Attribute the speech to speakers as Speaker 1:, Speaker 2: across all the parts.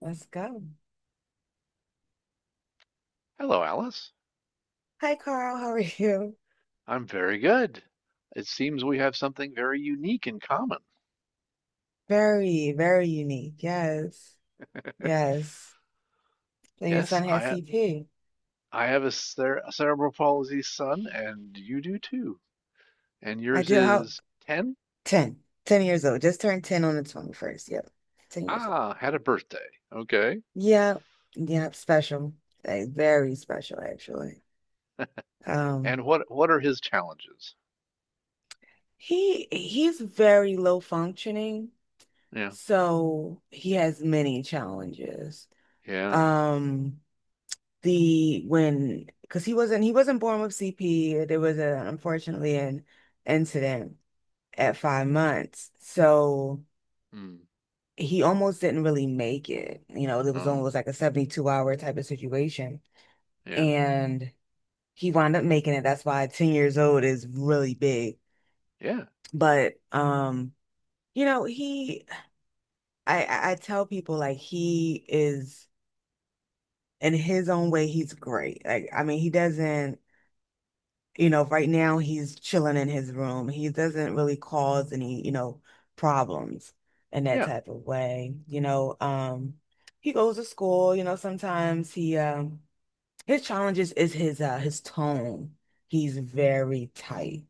Speaker 1: Let's go.
Speaker 2: Hello, Alice.
Speaker 1: Hi, Carl. How are you?
Speaker 2: I'm very good. It seems we have something very unique in common.
Speaker 1: Very, very unique. Yes. Yes. And your
Speaker 2: Yes,
Speaker 1: son has
Speaker 2: I
Speaker 1: CP.
Speaker 2: I have a cerebral palsy son, and you do too. And
Speaker 1: I
Speaker 2: yours
Speaker 1: do. How?
Speaker 2: is 10?
Speaker 1: 10. 10 years old. Just turned 10 on the 21st. Yep. 10 years old.
Speaker 2: Ah, had a birthday. Okay.
Speaker 1: Yeah. Yep. Special. Like, very special, actually. Um,
Speaker 2: And what are his challenges?
Speaker 1: he's very low functioning,
Speaker 2: Yeah.
Speaker 1: so he has many challenges.
Speaker 2: Yeah.
Speaker 1: Um, the when because he wasn't born with CP. There was a unfortunately an incident at 5 months. So
Speaker 2: Mm.
Speaker 1: he almost didn't really make it. You know, it was
Speaker 2: Oh,
Speaker 1: almost like a 72-hour type of situation.
Speaker 2: yeah.
Speaker 1: And he wound up making it. That's why 10 years old is really big.
Speaker 2: Yeah.
Speaker 1: But you know, he I tell people like he is in his own way, he's great. Like, I mean, he doesn't you know, right now he's chilling in his room. He doesn't really cause any problems in that
Speaker 2: Yeah.
Speaker 1: type of way. He goes to school, sometimes he his challenges is his tone. He's very tight.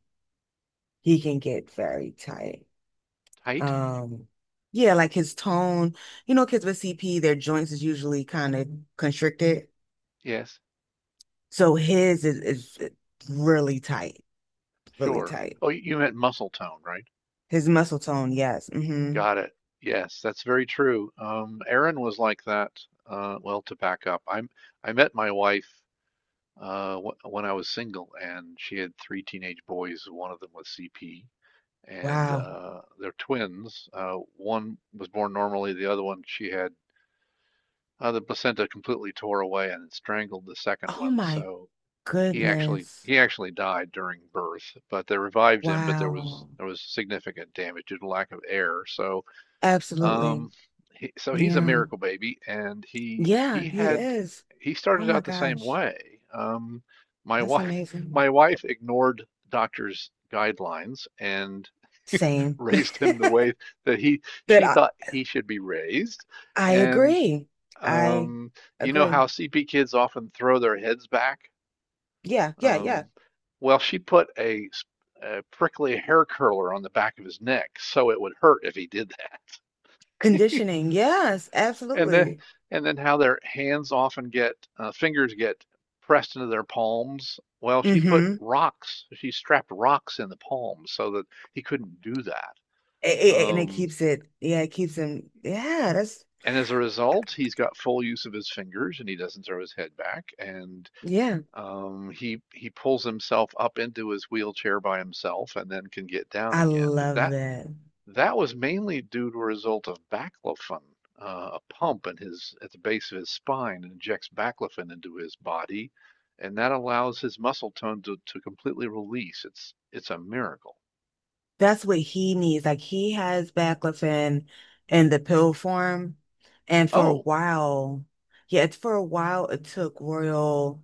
Speaker 1: He can get very tight.
Speaker 2: Tight?
Speaker 1: Um Yeah, like his tone, kids with CP, their joints is usually kind of constricted.
Speaker 2: Yes.
Speaker 1: So his is really tight, really
Speaker 2: Sure.
Speaker 1: tight.
Speaker 2: Oh, you meant muscle tone, right?
Speaker 1: His muscle tone, yes. Hmm.
Speaker 2: Got it. Yes, that's very true. Erin was like that. Well, to back up, I met my wife w when I was single, and she had three teenage boys. One of them was CP, and
Speaker 1: Wow.
Speaker 2: they're twins. One was born normally. The other one, she had the placenta completely tore away and strangled the second
Speaker 1: Oh
Speaker 2: one.
Speaker 1: my
Speaker 2: So he actually
Speaker 1: goodness.
Speaker 2: he actually died during birth, but they revived him. But there was
Speaker 1: Wow.
Speaker 2: there was significant damage due to lack of air. So
Speaker 1: Absolutely.
Speaker 2: um, so he's a
Speaker 1: Yeah.
Speaker 2: miracle baby, and he
Speaker 1: Yeah,
Speaker 2: he
Speaker 1: he
Speaker 2: had
Speaker 1: is.
Speaker 2: he
Speaker 1: Oh
Speaker 2: started
Speaker 1: my
Speaker 2: out the same
Speaker 1: gosh.
Speaker 2: way. Um, my
Speaker 1: That's
Speaker 2: wife
Speaker 1: amazing.
Speaker 2: my wife ignored doctor's guidelines and
Speaker 1: Same.
Speaker 2: raised him the way that he
Speaker 1: That
Speaker 2: she
Speaker 1: I,
Speaker 2: thought he should be raised.
Speaker 1: I
Speaker 2: And
Speaker 1: agree. I
Speaker 2: um, you know
Speaker 1: agree.
Speaker 2: how CP kids often throw their heads back?
Speaker 1: Yeah, yeah, yeah.
Speaker 2: Um, well, she put a prickly hair curler on the back of his neck so it would hurt if he did that.
Speaker 1: Conditioning. Yes,
Speaker 2: and then
Speaker 1: absolutely.
Speaker 2: and then how their hands often get fingers get pressed into their palms, well, she put
Speaker 1: Mm-hmm.
Speaker 2: rocks she strapped rocks in the palms so that he couldn't do that,
Speaker 1: And
Speaker 2: um,
Speaker 1: yeah, it keeps him. Yeah, that's,
Speaker 2: and as a result he's got full use of his fingers, and he doesn't throw his head back. And
Speaker 1: yeah.
Speaker 2: um, he pulls himself up into his wheelchair by himself and then can get down
Speaker 1: I
Speaker 2: again, but
Speaker 1: love
Speaker 2: that
Speaker 1: that.
Speaker 2: That was mainly due to a result of baclofen. A pump in his at the base of his spine and injects baclofen into his body, and that allows his muscle tone to completely release. It's a miracle.
Speaker 1: That's what he needs. Like he has baclofen in the pill form, and for a
Speaker 2: Oh,
Speaker 1: while, yeah, it's for a while it took Royal,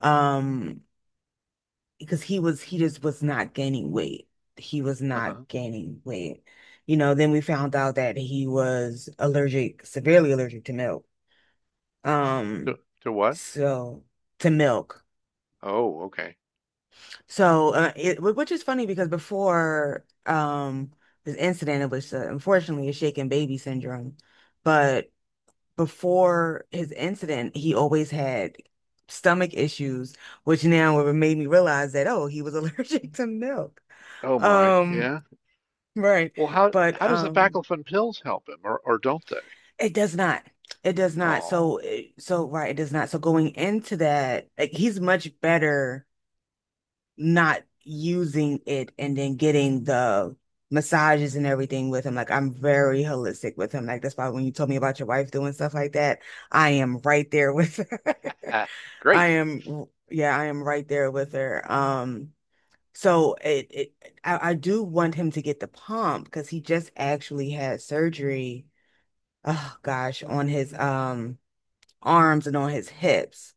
Speaker 1: um, because he just was not gaining weight. He was not
Speaker 2: uh-huh.
Speaker 1: gaining weight. You know, then we found out that he was allergic, severely allergic to milk. Um,
Speaker 2: To, to what?
Speaker 1: so to milk.
Speaker 2: Oh, okay.
Speaker 1: So, which is funny because before this incident, it was unfortunately a shaken baby syndrome. But before his incident, he always had stomach issues, which now made me realize that, oh, he was allergic to milk.
Speaker 2: Oh my,
Speaker 1: Um,
Speaker 2: yeah.
Speaker 1: right.
Speaker 2: Well, how
Speaker 1: But
Speaker 2: how does the baclofen pills help him, or don't they?
Speaker 1: it does not. It does not.
Speaker 2: Oh,
Speaker 1: So, so right, it does not. So going into that, like he's much better not using it and then getting the massages and everything with him. Like I'm very holistic with him. Like that's why when you told me about your wife doing stuff like that, I am right there with her. I
Speaker 2: great.
Speaker 1: am, yeah, I am right there with her. So it, I do want him to get the pump because he just actually had surgery. Oh gosh, on his arms and on his hips.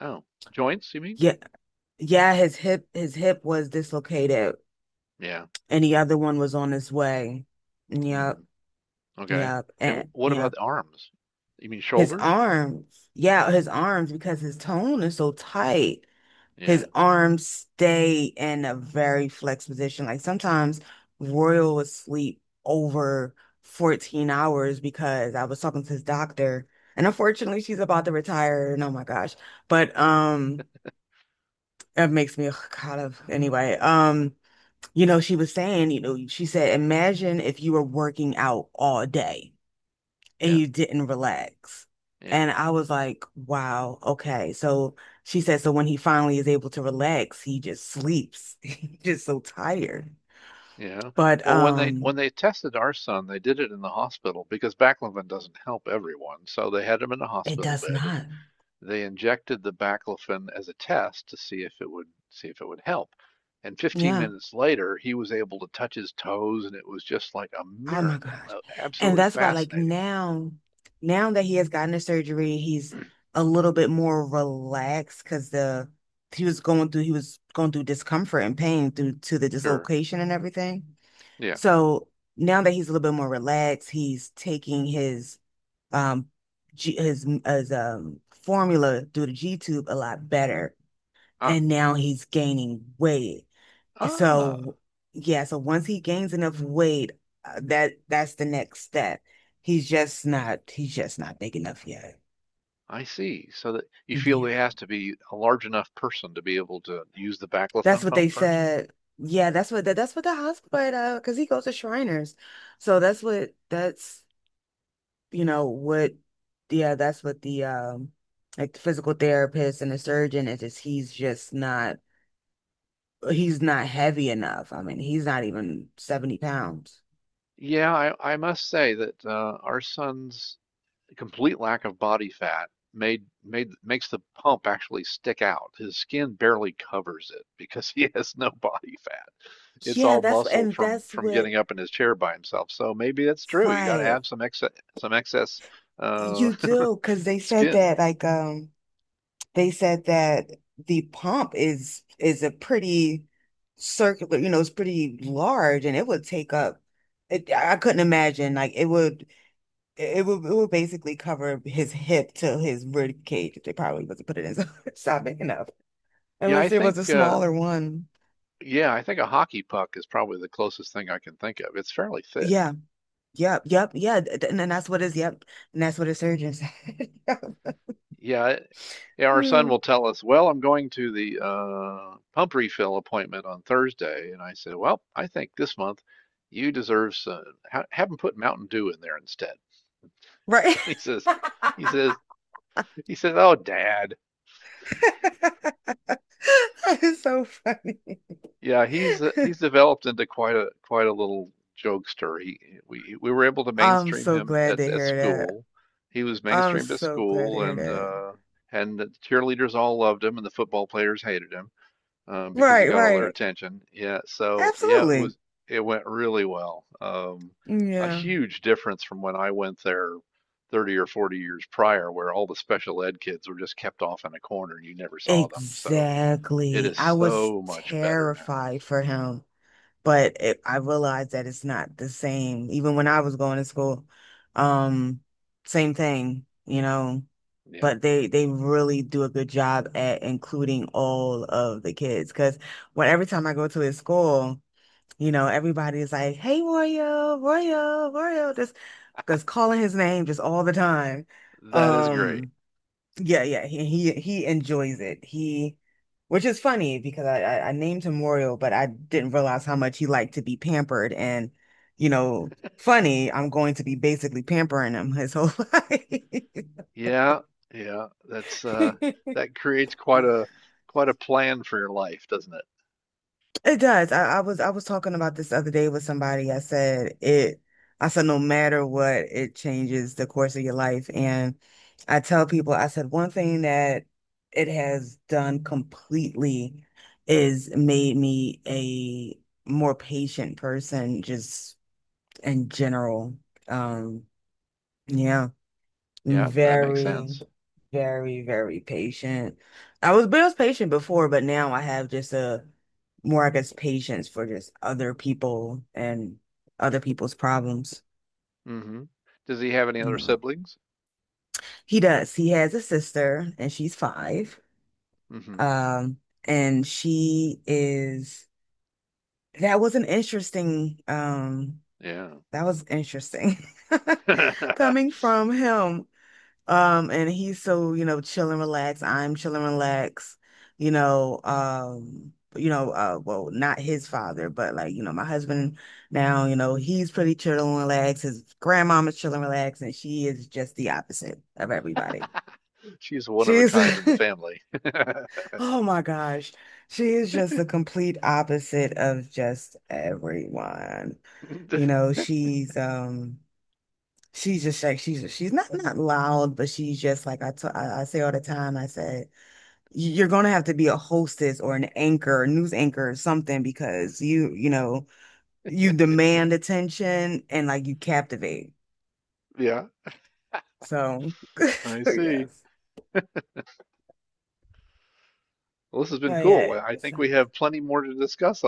Speaker 2: Oh, joints, you mean?
Speaker 1: Yeah, yeah, his hip was dislocated
Speaker 2: Yeah.
Speaker 1: and the other one was on his way.
Speaker 2: Hmm.
Speaker 1: Yep,
Speaker 2: Okay.
Speaker 1: yep,
Speaker 2: And
Speaker 1: and
Speaker 2: what about
Speaker 1: yep.
Speaker 2: the arms? You mean
Speaker 1: His
Speaker 2: shoulders?
Speaker 1: arms, yeah, his arms, because his tone is so tight, his
Speaker 2: Yeah.
Speaker 1: arms stay in a very flexed position. Like sometimes Royal would sleep over 14 hours because I was talking to his doctor, and unfortunately she's about to retire, and oh my gosh. But it makes me kind of anyway. You know, she was saying, she said, imagine if you were working out all day and
Speaker 2: Yeah.
Speaker 1: you didn't relax.
Speaker 2: Yeah,
Speaker 1: And I was like, wow, okay. So she said, so when he finally is able to relax, he just sleeps. He's just so tired.
Speaker 2: yeah.
Speaker 1: But
Speaker 2: Well, when they when they tested our son, they did it in the hospital because baclofen doesn't help everyone. So they had him in a
Speaker 1: it
Speaker 2: hospital
Speaker 1: does
Speaker 2: bed,
Speaker 1: not.
Speaker 2: and they injected the baclofen as a test to see if it would help. And 15
Speaker 1: Yeah.
Speaker 2: minutes later, he was able to touch his toes, and it was just like a
Speaker 1: Oh my
Speaker 2: miracle.
Speaker 1: gosh. And
Speaker 2: Absolutely
Speaker 1: that's why, like
Speaker 2: fascinating.
Speaker 1: now that he has gotten the surgery, he's a little bit more relaxed because the he was going through he was going through discomfort and pain through to the
Speaker 2: Sure.
Speaker 1: dislocation and everything.
Speaker 2: Yeah.
Speaker 1: So now that he's a little bit more relaxed, he's taking his um G, his formula through the G tube a lot better,
Speaker 2: Ah.
Speaker 1: and now he's gaining weight.
Speaker 2: Ah.
Speaker 1: So yeah, so once he gains enough weight, that's the next step. He's just not big enough yet.
Speaker 2: I see. So that you feel
Speaker 1: Yeah.
Speaker 2: he has to be a large enough person to be able to use the
Speaker 1: That's
Speaker 2: baclofen
Speaker 1: what they
Speaker 2: pump first?
Speaker 1: said. Yeah, that's what the hospital because he goes to Shriners. So that's what that's you know what yeah, that's what the like the physical therapist and the surgeon is just he's just not he's not heavy enough. I mean, he's not even 70 pounds.
Speaker 2: Yeah, I must say that our son's complete lack of body fat made made makes the pump actually stick out. His skin barely covers it because he has no body fat. It's
Speaker 1: Yeah,
Speaker 2: all
Speaker 1: that's what
Speaker 2: muscle
Speaker 1: and that's
Speaker 2: from
Speaker 1: what
Speaker 2: getting up in his chair by himself. So maybe that's true. You got to
Speaker 1: Right.
Speaker 2: have some excess, some excess uh,
Speaker 1: You do, because they said
Speaker 2: skin.
Speaker 1: that the pump is a pretty circular, you know, it's pretty large and it would take up it, I couldn't imagine like it would basically cover his hip to his rib cage if they probably wasn't put it in so it's not big enough.
Speaker 2: Yeah,
Speaker 1: Unless
Speaker 2: I
Speaker 1: there was a
Speaker 2: think uh,
Speaker 1: smaller one.
Speaker 2: yeah, I think a hockey puck is probably the closest thing I can think of. It's fairly
Speaker 1: Yeah.
Speaker 2: thick.
Speaker 1: Yep. Yep. Yeah. And that's what is yep. And that's what a surgeon said.
Speaker 2: Yeah, Yeah, our son
Speaker 1: Yeah.
Speaker 2: will tell us, "Well, I'm going to the pump refill appointment on Thursday," and I said, "Well, I think this month you deserve some. Ha Have him put Mountain Dew in there instead."
Speaker 1: Right.
Speaker 2: He says, "He says, he says, oh, Dad,
Speaker 1: That is so funny.
Speaker 2: yeah, he's developed into quite a little jokester. He we were able to
Speaker 1: I'm
Speaker 2: mainstream
Speaker 1: so
Speaker 2: him
Speaker 1: glad to
Speaker 2: at
Speaker 1: hear that.
Speaker 2: school. He was
Speaker 1: I'm
Speaker 2: mainstreamed at
Speaker 1: so glad to
Speaker 2: school,
Speaker 1: hear that.
Speaker 2: and the cheerleaders all loved him, and the football players hated him." Because he
Speaker 1: Right,
Speaker 2: got all their
Speaker 1: right.
Speaker 2: attention. Yeah, so yeah, it
Speaker 1: Absolutely.
Speaker 2: was it went really well. A
Speaker 1: Yeah.
Speaker 2: huge difference from when I went there 30 or 40 years prior, where all the special ed kids were just kept off in a corner and you never saw them. So it
Speaker 1: Exactly.
Speaker 2: is
Speaker 1: I was
Speaker 2: so much better now.
Speaker 1: terrified for him, but I realized that it's not the same. Even when I was going to school, um, same thing, you know.
Speaker 2: Yeah,
Speaker 1: But they really do a good job at including all of the kids. Because when every time I go to his school. You know, everybody's like, hey, Royo, Royo, Royo, just because calling his name just all the time.
Speaker 2: that is great.
Speaker 1: Um, yeah, yeah, he enjoys it. Which is funny because I named him Royo, but I didn't realize how much he liked to be pampered. And, you know, funny, I'm going to be basically pampering him his whole life.
Speaker 2: Yeah, yeah, that's that creates quite a quite a plan for your life, doesn't it?
Speaker 1: It does. I was talking about this the other day with somebody. I said it. I said no matter what, it changes the course of your life. And I tell people, I said one thing that it has done completely is made me a more patient person, just in general. Um, yeah.
Speaker 2: Yeah, that makes
Speaker 1: Very,
Speaker 2: sense.
Speaker 1: very, very patient. I was, but I was patient before, but now I have just a more, I guess, patience for just other people and other people's problems,
Speaker 2: Hmm. Does he have any
Speaker 1: you
Speaker 2: other
Speaker 1: know.
Speaker 2: siblings?
Speaker 1: He does. He has a sister and she's five.
Speaker 2: Hmm.
Speaker 1: Um, and she is, that was an interesting, um,
Speaker 2: Yeah.
Speaker 1: that was interesting coming from him. And he's so chill and relax. I'm chill and relax. Well, not his father, but like my husband now he's pretty chill and relaxed. His grandmama's chill and relaxed, and she is just the opposite of everybody.
Speaker 2: She's one of a
Speaker 1: She's,
Speaker 2: kind in the family.
Speaker 1: oh my gosh, she is just the complete opposite of just everyone. You know, she's just like she's not loud, but she's just like I t- I say all the time. I said you're gonna have to be a hostess or an anchor, news anchor or something because you demand attention and like you captivate.
Speaker 2: Yeah,
Speaker 1: So
Speaker 2: I see.
Speaker 1: yes,
Speaker 2: Well, this has been
Speaker 1: but
Speaker 2: cool.
Speaker 1: yeah,
Speaker 2: Well, I
Speaker 1: it's
Speaker 2: think we have
Speaker 1: nice.
Speaker 2: plenty more to discuss